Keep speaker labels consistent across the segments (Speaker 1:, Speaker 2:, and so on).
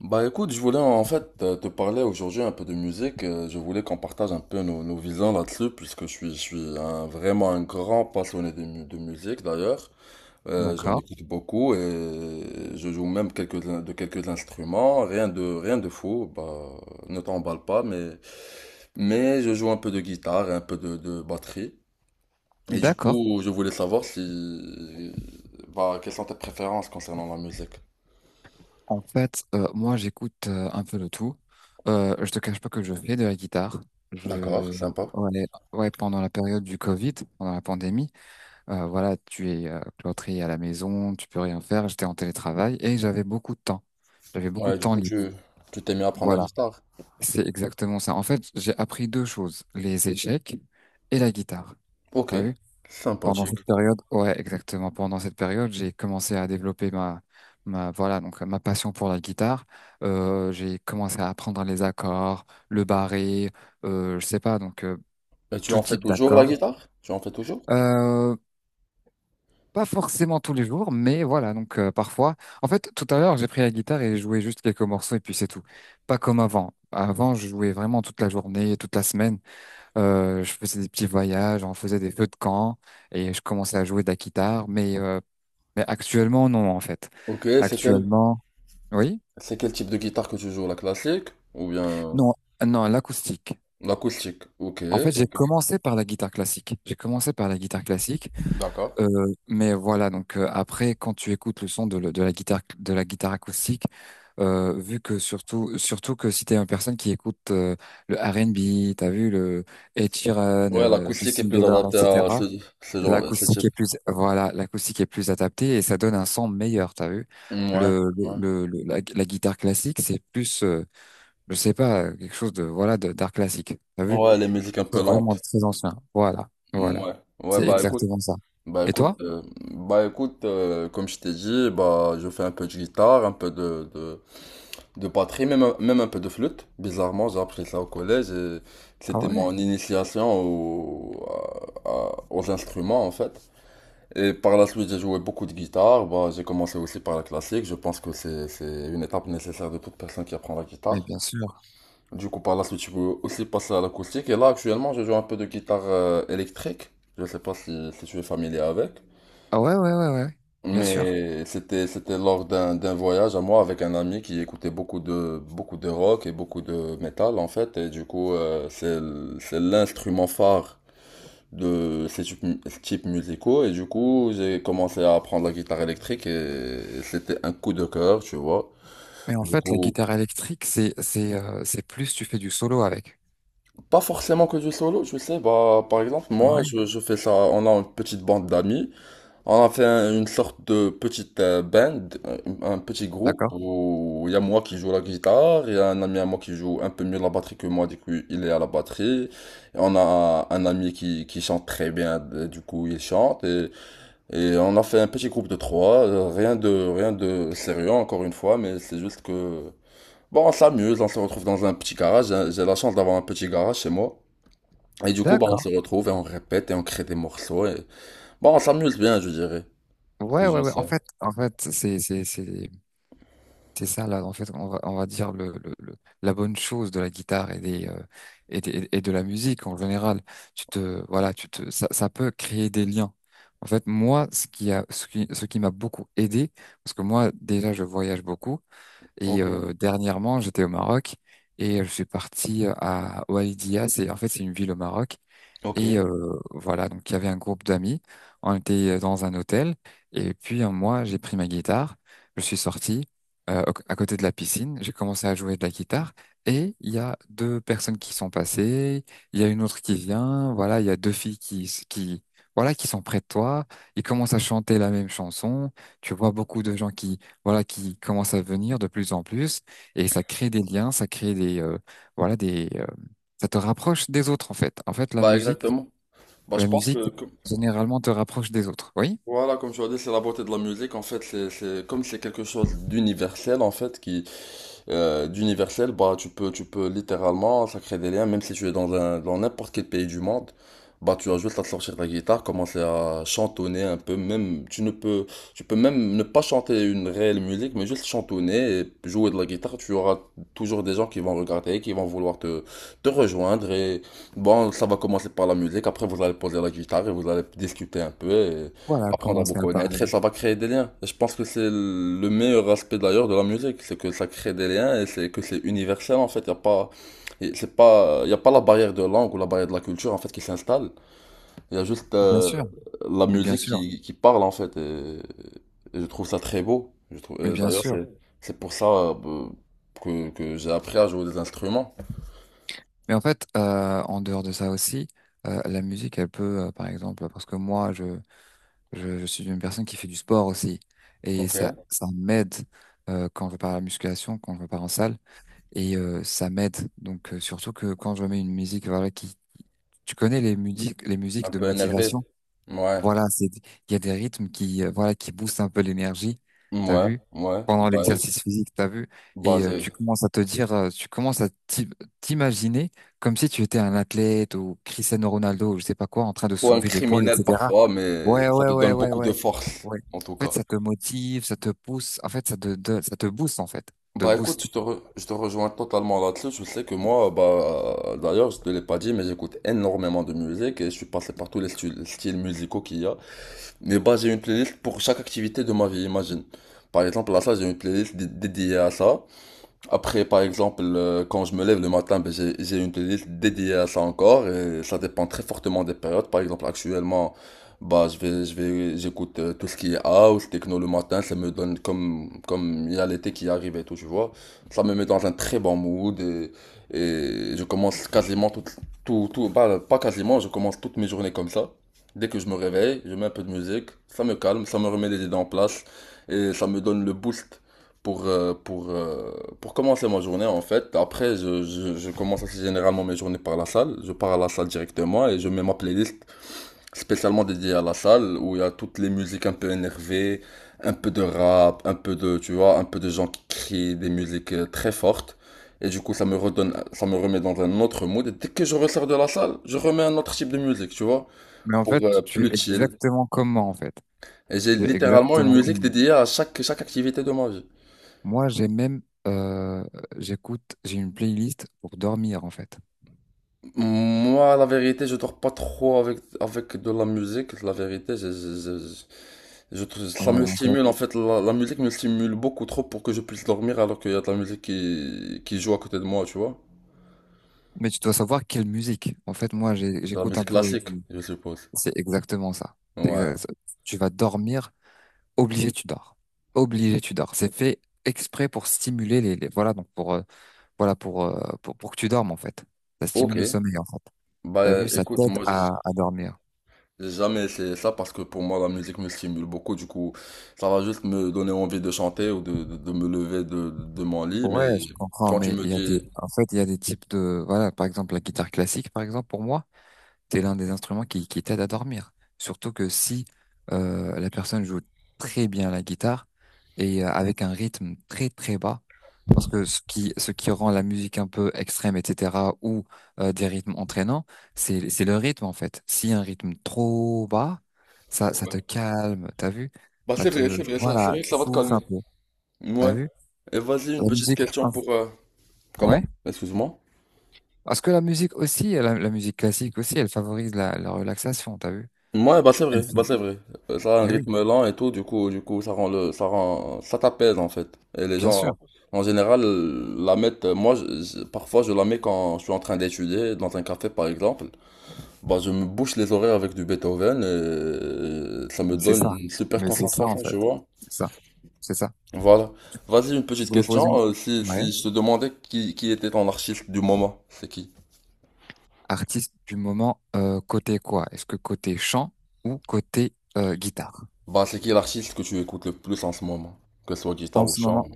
Speaker 1: Bah écoute, je voulais en fait te parler aujourd'hui un peu de musique. Je voulais qu'on partage un peu nos visions là-dessus, puisque je suis vraiment un grand passionné de musique d'ailleurs. J'en
Speaker 2: D'accord.
Speaker 1: écoute beaucoup et je joue même de quelques instruments. Rien de fou, bah ne t'emballe pas, mais je joue un peu de guitare et un peu de batterie. Et du
Speaker 2: D'accord.
Speaker 1: coup, je voulais savoir si, bah, quelles sont tes préférences concernant la musique.
Speaker 2: En fait, moi, j'écoute un peu de tout. Je te cache pas que je fais de la guitare.
Speaker 1: D'accord,
Speaker 2: Je,
Speaker 1: sympa.
Speaker 2: ouais, ouais, pendant la période du Covid, pendant la pandémie, voilà, tu es cloîtré à la maison, tu peux rien faire. J'étais en télétravail et j'avais beaucoup de temps. J'avais beaucoup de
Speaker 1: Ouais, du
Speaker 2: temps
Speaker 1: coup,
Speaker 2: libre.
Speaker 1: tu t'es mis à prendre la
Speaker 2: Voilà,
Speaker 1: guitare.
Speaker 2: c'est exactement ça. En fait, j'ai appris deux choses, les échecs et la guitare.
Speaker 1: Ok,
Speaker 2: T'as vu? Pendant cette
Speaker 1: sympathique.
Speaker 2: période, ouais, exactement. Pendant cette période, j'ai commencé à développer voilà, donc ma passion pour la guitare. J'ai commencé à apprendre les accords, le barré, je sais pas,
Speaker 1: Et tu
Speaker 2: tout
Speaker 1: en fais
Speaker 2: type
Speaker 1: toujours la
Speaker 2: d'accords.
Speaker 1: guitare? Tu en fais toujours?
Speaker 2: Euh, pas forcément tous les jours, mais voilà, parfois. En fait, tout à l'heure, j'ai pris la guitare et joué juste quelques morceaux et puis c'est tout. Pas comme avant. Avant, je jouais vraiment toute la journée, toute la semaine. Je faisais des petits voyages, on faisait des feux de camp et je commençais à jouer de la guitare, mais actuellement, non, en fait.
Speaker 1: Ok,
Speaker 2: Actuellement, oui.
Speaker 1: c'est quel type de guitare que tu joues? La classique ou bien
Speaker 2: Non, non, l'acoustique.
Speaker 1: l'acoustique? Ok,
Speaker 2: En fait, j'ai
Speaker 1: ok,
Speaker 2: commencé par la guitare classique. J'ai commencé par la guitare classique,
Speaker 1: d'accord.
Speaker 2: euh, mais voilà. Après, quand tu écoutes le son de, le- de la guitare acoustique, vu que surtout que si t'es une personne qui écoute le R&B, t'as vu le Ed Sheeran,
Speaker 1: Ouais, l'acoustique est
Speaker 2: Justin
Speaker 1: plus
Speaker 2: Bieber,
Speaker 1: adaptée à
Speaker 2: etc.
Speaker 1: ce genre, ce
Speaker 2: L'acoustique
Speaker 1: type.
Speaker 2: est plus, voilà, l'acoustique est plus adaptée et ça donne un son meilleur, t'as vu?
Speaker 1: Ouais,
Speaker 2: Le, le,
Speaker 1: ouais.
Speaker 2: la guitare classique, c'est plus, je sais pas, quelque chose de, voilà, d'art classique, t'as vu?
Speaker 1: Ouais, les
Speaker 2: Quelque
Speaker 1: musiques un peu
Speaker 2: chose vraiment
Speaker 1: lentes.
Speaker 2: très ancien. Voilà, voilà.
Speaker 1: Ouais, ouais,
Speaker 2: C'est exactement ça.
Speaker 1: bah
Speaker 2: Et
Speaker 1: écoute,
Speaker 2: toi?
Speaker 1: euh, bah écoute, comme je t'ai dit, bah je fais un peu de guitare, un peu de batterie, même, même un peu de flûte. Bizarrement, j'ai appris ça au collège et
Speaker 2: Ah
Speaker 1: c'était
Speaker 2: ouais?
Speaker 1: mon initiation aux instruments en fait. Et par la suite, j'ai joué beaucoup de guitare. Bah, j'ai commencé aussi par la classique. Je pense que c'est une étape nécessaire de toute personne qui apprend la
Speaker 2: Mais
Speaker 1: guitare.
Speaker 2: bien sûr.
Speaker 1: Du coup, par la suite, je peux aussi passer à l'acoustique. Et là, actuellement, je joue un peu de guitare électrique. Je sais pas si, si tu es familier avec.
Speaker 2: Ah ouais, ouais, ouais, ouais. Bien sûr.
Speaker 1: Mais c'était lors d'un voyage à moi avec un ami qui écoutait beaucoup de rock et beaucoup de métal en fait. Et du coup c'est l'instrument phare de ces types musicaux, et du coup j'ai commencé à apprendre la guitare électrique et c'était un coup de cœur, tu vois.
Speaker 2: Mais en
Speaker 1: Du
Speaker 2: fait, la
Speaker 1: coup,
Speaker 2: guitare électrique, c'est plus tu fais du solo avec.
Speaker 1: pas forcément que du solo. Je sais, bah par exemple
Speaker 2: Ah
Speaker 1: moi
Speaker 2: ouais,
Speaker 1: je fais ça, on a une petite bande d'amis. On a fait une sorte de petite band, un petit groupe
Speaker 2: d'accord.
Speaker 1: où il y a moi qui joue la guitare, il y a un ami à moi qui joue un peu mieux la batterie que moi, du coup il est à la batterie. Et on a un ami qui chante très bien, du coup il chante. Et on a fait un petit groupe de trois, rien de sérieux encore une fois, mais c'est juste que... Bon, on s'amuse, on se retrouve dans un petit garage, j'ai la chance d'avoir un petit garage chez moi. Et du coup, bah, on
Speaker 2: D'accord.
Speaker 1: se retrouve et on répète et on crée des morceaux. Et... Bon, on s'amuse bien, je dirais.
Speaker 2: Ouais,
Speaker 1: C'est
Speaker 2: ouais,
Speaker 1: juste
Speaker 2: ouais.
Speaker 1: ça.
Speaker 2: En fait, c'est ça, là, en fait, on va dire la bonne chose de la guitare et de la musique en général. Voilà, ça peut créer des liens. En fait, moi, ce qui a, ce qui m'a beaucoup aidé, parce que moi, déjà, je voyage beaucoup et
Speaker 1: Ok,
Speaker 2: dernièrement, j'étais au Maroc et je suis parti à Oualidia. C'est une ville au Maroc
Speaker 1: ok.
Speaker 2: et voilà, donc il y avait un groupe d'amis, on était dans un hôtel, et puis moi j'ai pris ma guitare, je suis sorti à côté de la piscine, j'ai commencé à jouer de la guitare, et il y a deux personnes qui sont passées, il y a une autre qui vient, voilà, il y a deux filles voilà, qui sont près de toi, ils commencent à chanter la même chanson, tu vois beaucoup de gens qui, voilà, qui commencent à venir de plus en plus, et ça crée des liens, ça crée des, voilà, des, ça te rapproche des autres en fait. En fait, la
Speaker 1: Bah
Speaker 2: musique
Speaker 1: exactement. Bah je
Speaker 2: la
Speaker 1: pense
Speaker 2: musique,
Speaker 1: que
Speaker 2: généralement, te rapproche des autres, oui?
Speaker 1: voilà, comme tu as dit, c'est la beauté de la musique. En fait, comme c'est quelque chose d'universel en fait qui d'universel, bah, tu peux littéralement, ça crée des liens, même si tu es dans dans n'importe quel pays du monde, bah, tu as juste à sortir ta guitare, commencer à chantonner un peu, même, tu peux même ne pas chanter une réelle musique, mais juste chantonner et jouer de la guitare, tu auras toujours des gens qui vont regarder, qui vont vouloir te rejoindre bon, ça va commencer par la musique, après vous allez poser la guitare et vous allez discuter un peu et
Speaker 2: Voilà,
Speaker 1: apprendre à vous
Speaker 2: commencer à
Speaker 1: connaître et
Speaker 2: parler.
Speaker 1: ça va créer des liens. Et je pense que c'est le meilleur aspect d'ailleurs de la musique, c'est que ça crée des liens et c'est que c'est universel en fait. Il y a pas, et c'est pas, Y a pas la barrière de langue ou la barrière de la culture en fait qui s'installe. Il y a juste
Speaker 2: Bien sûr,
Speaker 1: la
Speaker 2: mais bien
Speaker 1: musique
Speaker 2: sûr,
Speaker 1: qui parle en fait. Et je trouve ça très beau. Je trouve,
Speaker 2: mais
Speaker 1: et
Speaker 2: bien
Speaker 1: d'ailleurs
Speaker 2: sûr.
Speaker 1: C'est pour ça que j'ai appris à jouer des instruments.
Speaker 2: Mais en fait, en dehors de ça aussi, la musique, elle peut, par exemple, parce que moi, je suis une personne qui fait du sport aussi, et
Speaker 1: Ok.
Speaker 2: ça m'aide quand je pars à la musculation, quand je pars en salle, et ça m'aide. Donc, surtout que quand je mets une musique, voilà, qui, tu connais les musiques
Speaker 1: Un
Speaker 2: de
Speaker 1: peu énervé.
Speaker 2: motivation.
Speaker 1: Ouais.
Speaker 2: Voilà, c'est, il y a des rythmes qui, voilà, qui boostent un peu l'énergie, t'as
Speaker 1: Ouais.
Speaker 2: vu,
Speaker 1: Ouais.
Speaker 2: pendant
Speaker 1: Bah,
Speaker 2: l'exercice physique, t'as vu,
Speaker 1: bah,
Speaker 2: et tu commences à te dire, tu commences à t'imaginer comme si tu étais un athlète ou Cristiano Ronaldo ou je sais pas quoi, en train de
Speaker 1: ou un
Speaker 2: soulever des poids,
Speaker 1: criminel
Speaker 2: etc.
Speaker 1: parfois, mais
Speaker 2: Ouais,
Speaker 1: ça
Speaker 2: ouais,
Speaker 1: te
Speaker 2: ouais,
Speaker 1: donne
Speaker 2: ouais,
Speaker 1: beaucoup
Speaker 2: ouais,
Speaker 1: de force,
Speaker 2: ouais.
Speaker 1: en tout
Speaker 2: En fait,
Speaker 1: cas.
Speaker 2: ça te motive, ça te pousse, en fait, ça te booste, en fait, te
Speaker 1: Bah écoute,
Speaker 2: booste.
Speaker 1: je je te rejoins totalement là-dessus. Je sais que moi, bah d'ailleurs, je te l'ai pas dit, mais j'écoute énormément de musique et je suis passé par tous les styles musicaux qu'il y a. Mais bah j'ai une playlist pour chaque activité de ma vie, imagine. Par exemple, là, ça, j'ai une playlist dédiée à ça. Après, par exemple, quand je me lève le matin, ben, j'ai une playlist dédiée à ça encore, et ça dépend très fortement des périodes. Par exemple, actuellement, bah, j'écoute tout ce qui est house, techno le matin. Ça me donne comme, comme il y a l'été qui arrive et tout, tu vois. Ça me met dans un très bon mood, et je commence quasiment bah, pas quasiment, je commence toutes mes journées comme ça. Dès que je me réveille, je mets un peu de musique, ça me calme, ça me remet les idées en place et ça me donne le boost pour, euh, pour, euh, pour commencer ma journée, en fait. Après, je commence assez généralement mes journées par la salle. Je pars à la salle directement et je mets ma playlist spécialement dédiée à la salle où il y a toutes les musiques un peu énervées, un peu de rap, un peu tu vois, un peu de gens qui crient des musiques très fortes. Et du coup, ça me redonne, ça me remet dans un autre mood. Et dès que je ressors de la salle, je remets un autre type de musique, tu vois,
Speaker 2: Mais en fait,
Speaker 1: pour
Speaker 2: tu es
Speaker 1: plus chill.
Speaker 2: exactement comme moi, en fait.
Speaker 1: Et j'ai
Speaker 2: Tu es
Speaker 1: littéralement une
Speaker 2: exactement comme
Speaker 1: musique
Speaker 2: moi.
Speaker 1: dédiée à chaque activité de ma vie.
Speaker 2: Moi, j'ai même, euh, j'écoute, j'ai une playlist pour dormir, en fait.
Speaker 1: Moi, la vérité, je dors pas trop avec de la musique. La vérité, ça
Speaker 2: Ouais,
Speaker 1: me
Speaker 2: en fait.
Speaker 1: stimule. En fait, la musique me stimule beaucoup trop pour que je puisse dormir alors qu'il y a de la musique qui joue à côté de moi, tu vois.
Speaker 2: Mais tu dois savoir quelle musique. En fait, moi,
Speaker 1: De la
Speaker 2: j'écoute un
Speaker 1: musique
Speaker 2: peu.
Speaker 1: classique, je suppose.
Speaker 2: C'est exactement ça. C'est
Speaker 1: Ouais.
Speaker 2: exa- Tu vas dormir, obligé, tu dors. Obligé, tu dors. C'est fait exprès pour stimuler voilà, voilà, pour que tu dormes, en fait. Ça stimule
Speaker 1: Ok.
Speaker 2: le sommeil, en fait. T'as
Speaker 1: Bah
Speaker 2: vu, ça
Speaker 1: écoute,
Speaker 2: t'aide
Speaker 1: moi,
Speaker 2: à dormir.
Speaker 1: j'ai jamais essayé ça parce que pour moi, la musique me stimule beaucoup. Du coup, ça va juste me donner envie de chanter ou de me lever de mon lit. Mais
Speaker 2: Ouais, je comprends,
Speaker 1: quand tu
Speaker 2: mais
Speaker 1: me
Speaker 2: il y a des,
Speaker 1: dis...
Speaker 2: en fait, il y a des types de, voilà, par exemple, la guitare classique, par exemple, pour moi. C'est l'un des instruments qui t'aide à dormir. Surtout que si la personne joue très bien la guitare et avec un rythme très bas, parce que ce qui rend la musique un peu extrême, etc., ou des rythmes entraînants, c'est le rythme en fait. Si un rythme trop bas, ça
Speaker 1: Ouais.
Speaker 2: te calme, t'as vu?
Speaker 1: Bah
Speaker 2: Ça te,
Speaker 1: c'est vrai, ça, c'est
Speaker 2: voilà,
Speaker 1: vrai que
Speaker 2: tu
Speaker 1: ça va te
Speaker 2: souffles
Speaker 1: calmer.
Speaker 2: un peu,
Speaker 1: Ouais.
Speaker 2: t'as vu?
Speaker 1: Et vas-y, une
Speaker 2: La
Speaker 1: petite
Speaker 2: musique,
Speaker 1: question
Speaker 2: inf-
Speaker 1: pour... Comment?
Speaker 2: ouais.
Speaker 1: Excuse-moi.
Speaker 2: Parce que la musique aussi, la musique classique aussi, elle favorise la relaxation, t'as vu?
Speaker 1: Ouais, bah c'est
Speaker 2: Elle-
Speaker 1: vrai, bah c'est vrai. Ça a un
Speaker 2: eh oui.
Speaker 1: rythme lent et tout, du coup, ça rend ça t'apaise en fait. Et les
Speaker 2: Bien sûr,
Speaker 1: gens, en général, la mettent. Moi, parfois, je la mets quand je suis en train d'étudier dans un café, par exemple. Bah, je me bouche les oreilles avec du Beethoven et ça me
Speaker 2: mais c'est
Speaker 1: donne
Speaker 2: ça.
Speaker 1: une super
Speaker 2: Mais c'est ça en
Speaker 1: concentration,
Speaker 2: fait.
Speaker 1: tu vois.
Speaker 2: C'est ça. C'est ça.
Speaker 1: Voilà. Vas-y, une
Speaker 2: Tu
Speaker 1: petite
Speaker 2: voulais poser
Speaker 1: question.
Speaker 2: une... Ouais.
Speaker 1: Si je te demandais qui était ton artiste du moment, c'est qui?
Speaker 2: Artiste du moment, côté quoi? Est-ce que côté chant ou côté guitare?
Speaker 1: Bah, c'est qui l'artiste que tu écoutes le plus en ce moment? Que ce soit guitare
Speaker 2: En
Speaker 1: ou
Speaker 2: ce
Speaker 1: chant.
Speaker 2: moment,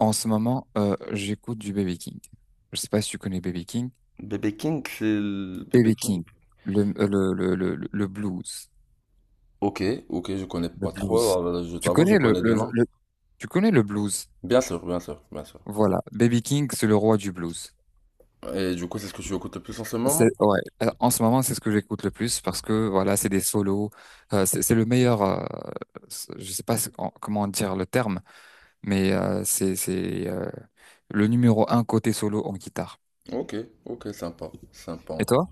Speaker 2: en ce moment, j'écoute du Baby King. Je sais pas si tu connais Baby King.
Speaker 1: Bébé King, Bébé
Speaker 2: Baby
Speaker 1: King.
Speaker 2: King, le blues.
Speaker 1: Ok, ok, je connais
Speaker 2: Le
Speaker 1: pas trop,
Speaker 2: blues.
Speaker 1: je
Speaker 2: Tu
Speaker 1: t'avoue, je
Speaker 2: connais
Speaker 1: connais deux noms.
Speaker 2: tu connais le blues.
Speaker 1: Bien sûr, bien sûr, bien sûr.
Speaker 2: Voilà. Baby King, c'est le roi du blues.
Speaker 1: Et du coup, c'est ce que tu écoutes le plus en ce
Speaker 2: C'est
Speaker 1: moment?
Speaker 2: ouais. En ce moment, c'est ce que j'écoute le plus parce que voilà, c'est des solos. C'est le meilleur. Je sais pas comment dire le terme, c'est le numéro 1 côté solo en guitare.
Speaker 1: Ok, ok, sympa, sympa en
Speaker 2: Et
Speaker 1: tout cas.
Speaker 2: toi?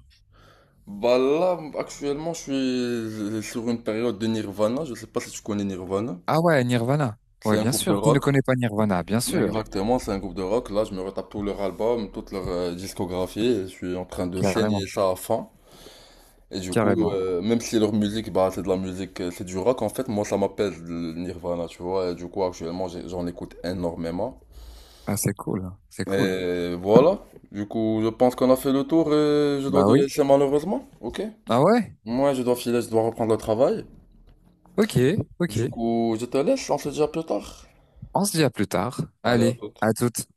Speaker 1: Bah là, actuellement, je suis sur une période de Nirvana, je sais pas si tu connais Nirvana.
Speaker 2: Ah ouais, Nirvana.
Speaker 1: C'est
Speaker 2: Ouais,
Speaker 1: un
Speaker 2: bien
Speaker 1: groupe de
Speaker 2: sûr. Qui ne
Speaker 1: rock.
Speaker 2: connaît pas Nirvana? Bien sûr.
Speaker 1: Exactement, c'est un groupe de rock. Là, je me retape tout leur album, toute leur discographie, et je suis en train de
Speaker 2: Carrément,
Speaker 1: saigner ça à fond. Et du coup,
Speaker 2: carrément.
Speaker 1: même si leur musique, bah, c'est de la musique, c'est du rock, en fait, moi, ça m'appelle le Nirvana, tu vois. Et du coup, actuellement, j'en écoute énormément.
Speaker 2: Ah, c'est cool, c'est cool.
Speaker 1: Et voilà. Du coup, je pense qu'on a fait le tour et je dois
Speaker 2: Bah
Speaker 1: te
Speaker 2: oui.
Speaker 1: laisser, malheureusement. Ok?
Speaker 2: Ah ouais?
Speaker 1: Moi, je dois filer, je dois reprendre le travail.
Speaker 2: Ok,
Speaker 1: Du
Speaker 2: ok.
Speaker 1: coup, je te laisse, on se dit à plus tard.
Speaker 2: On se dit à plus tard.
Speaker 1: Allez, à
Speaker 2: Allez,
Speaker 1: tout
Speaker 2: à toutes.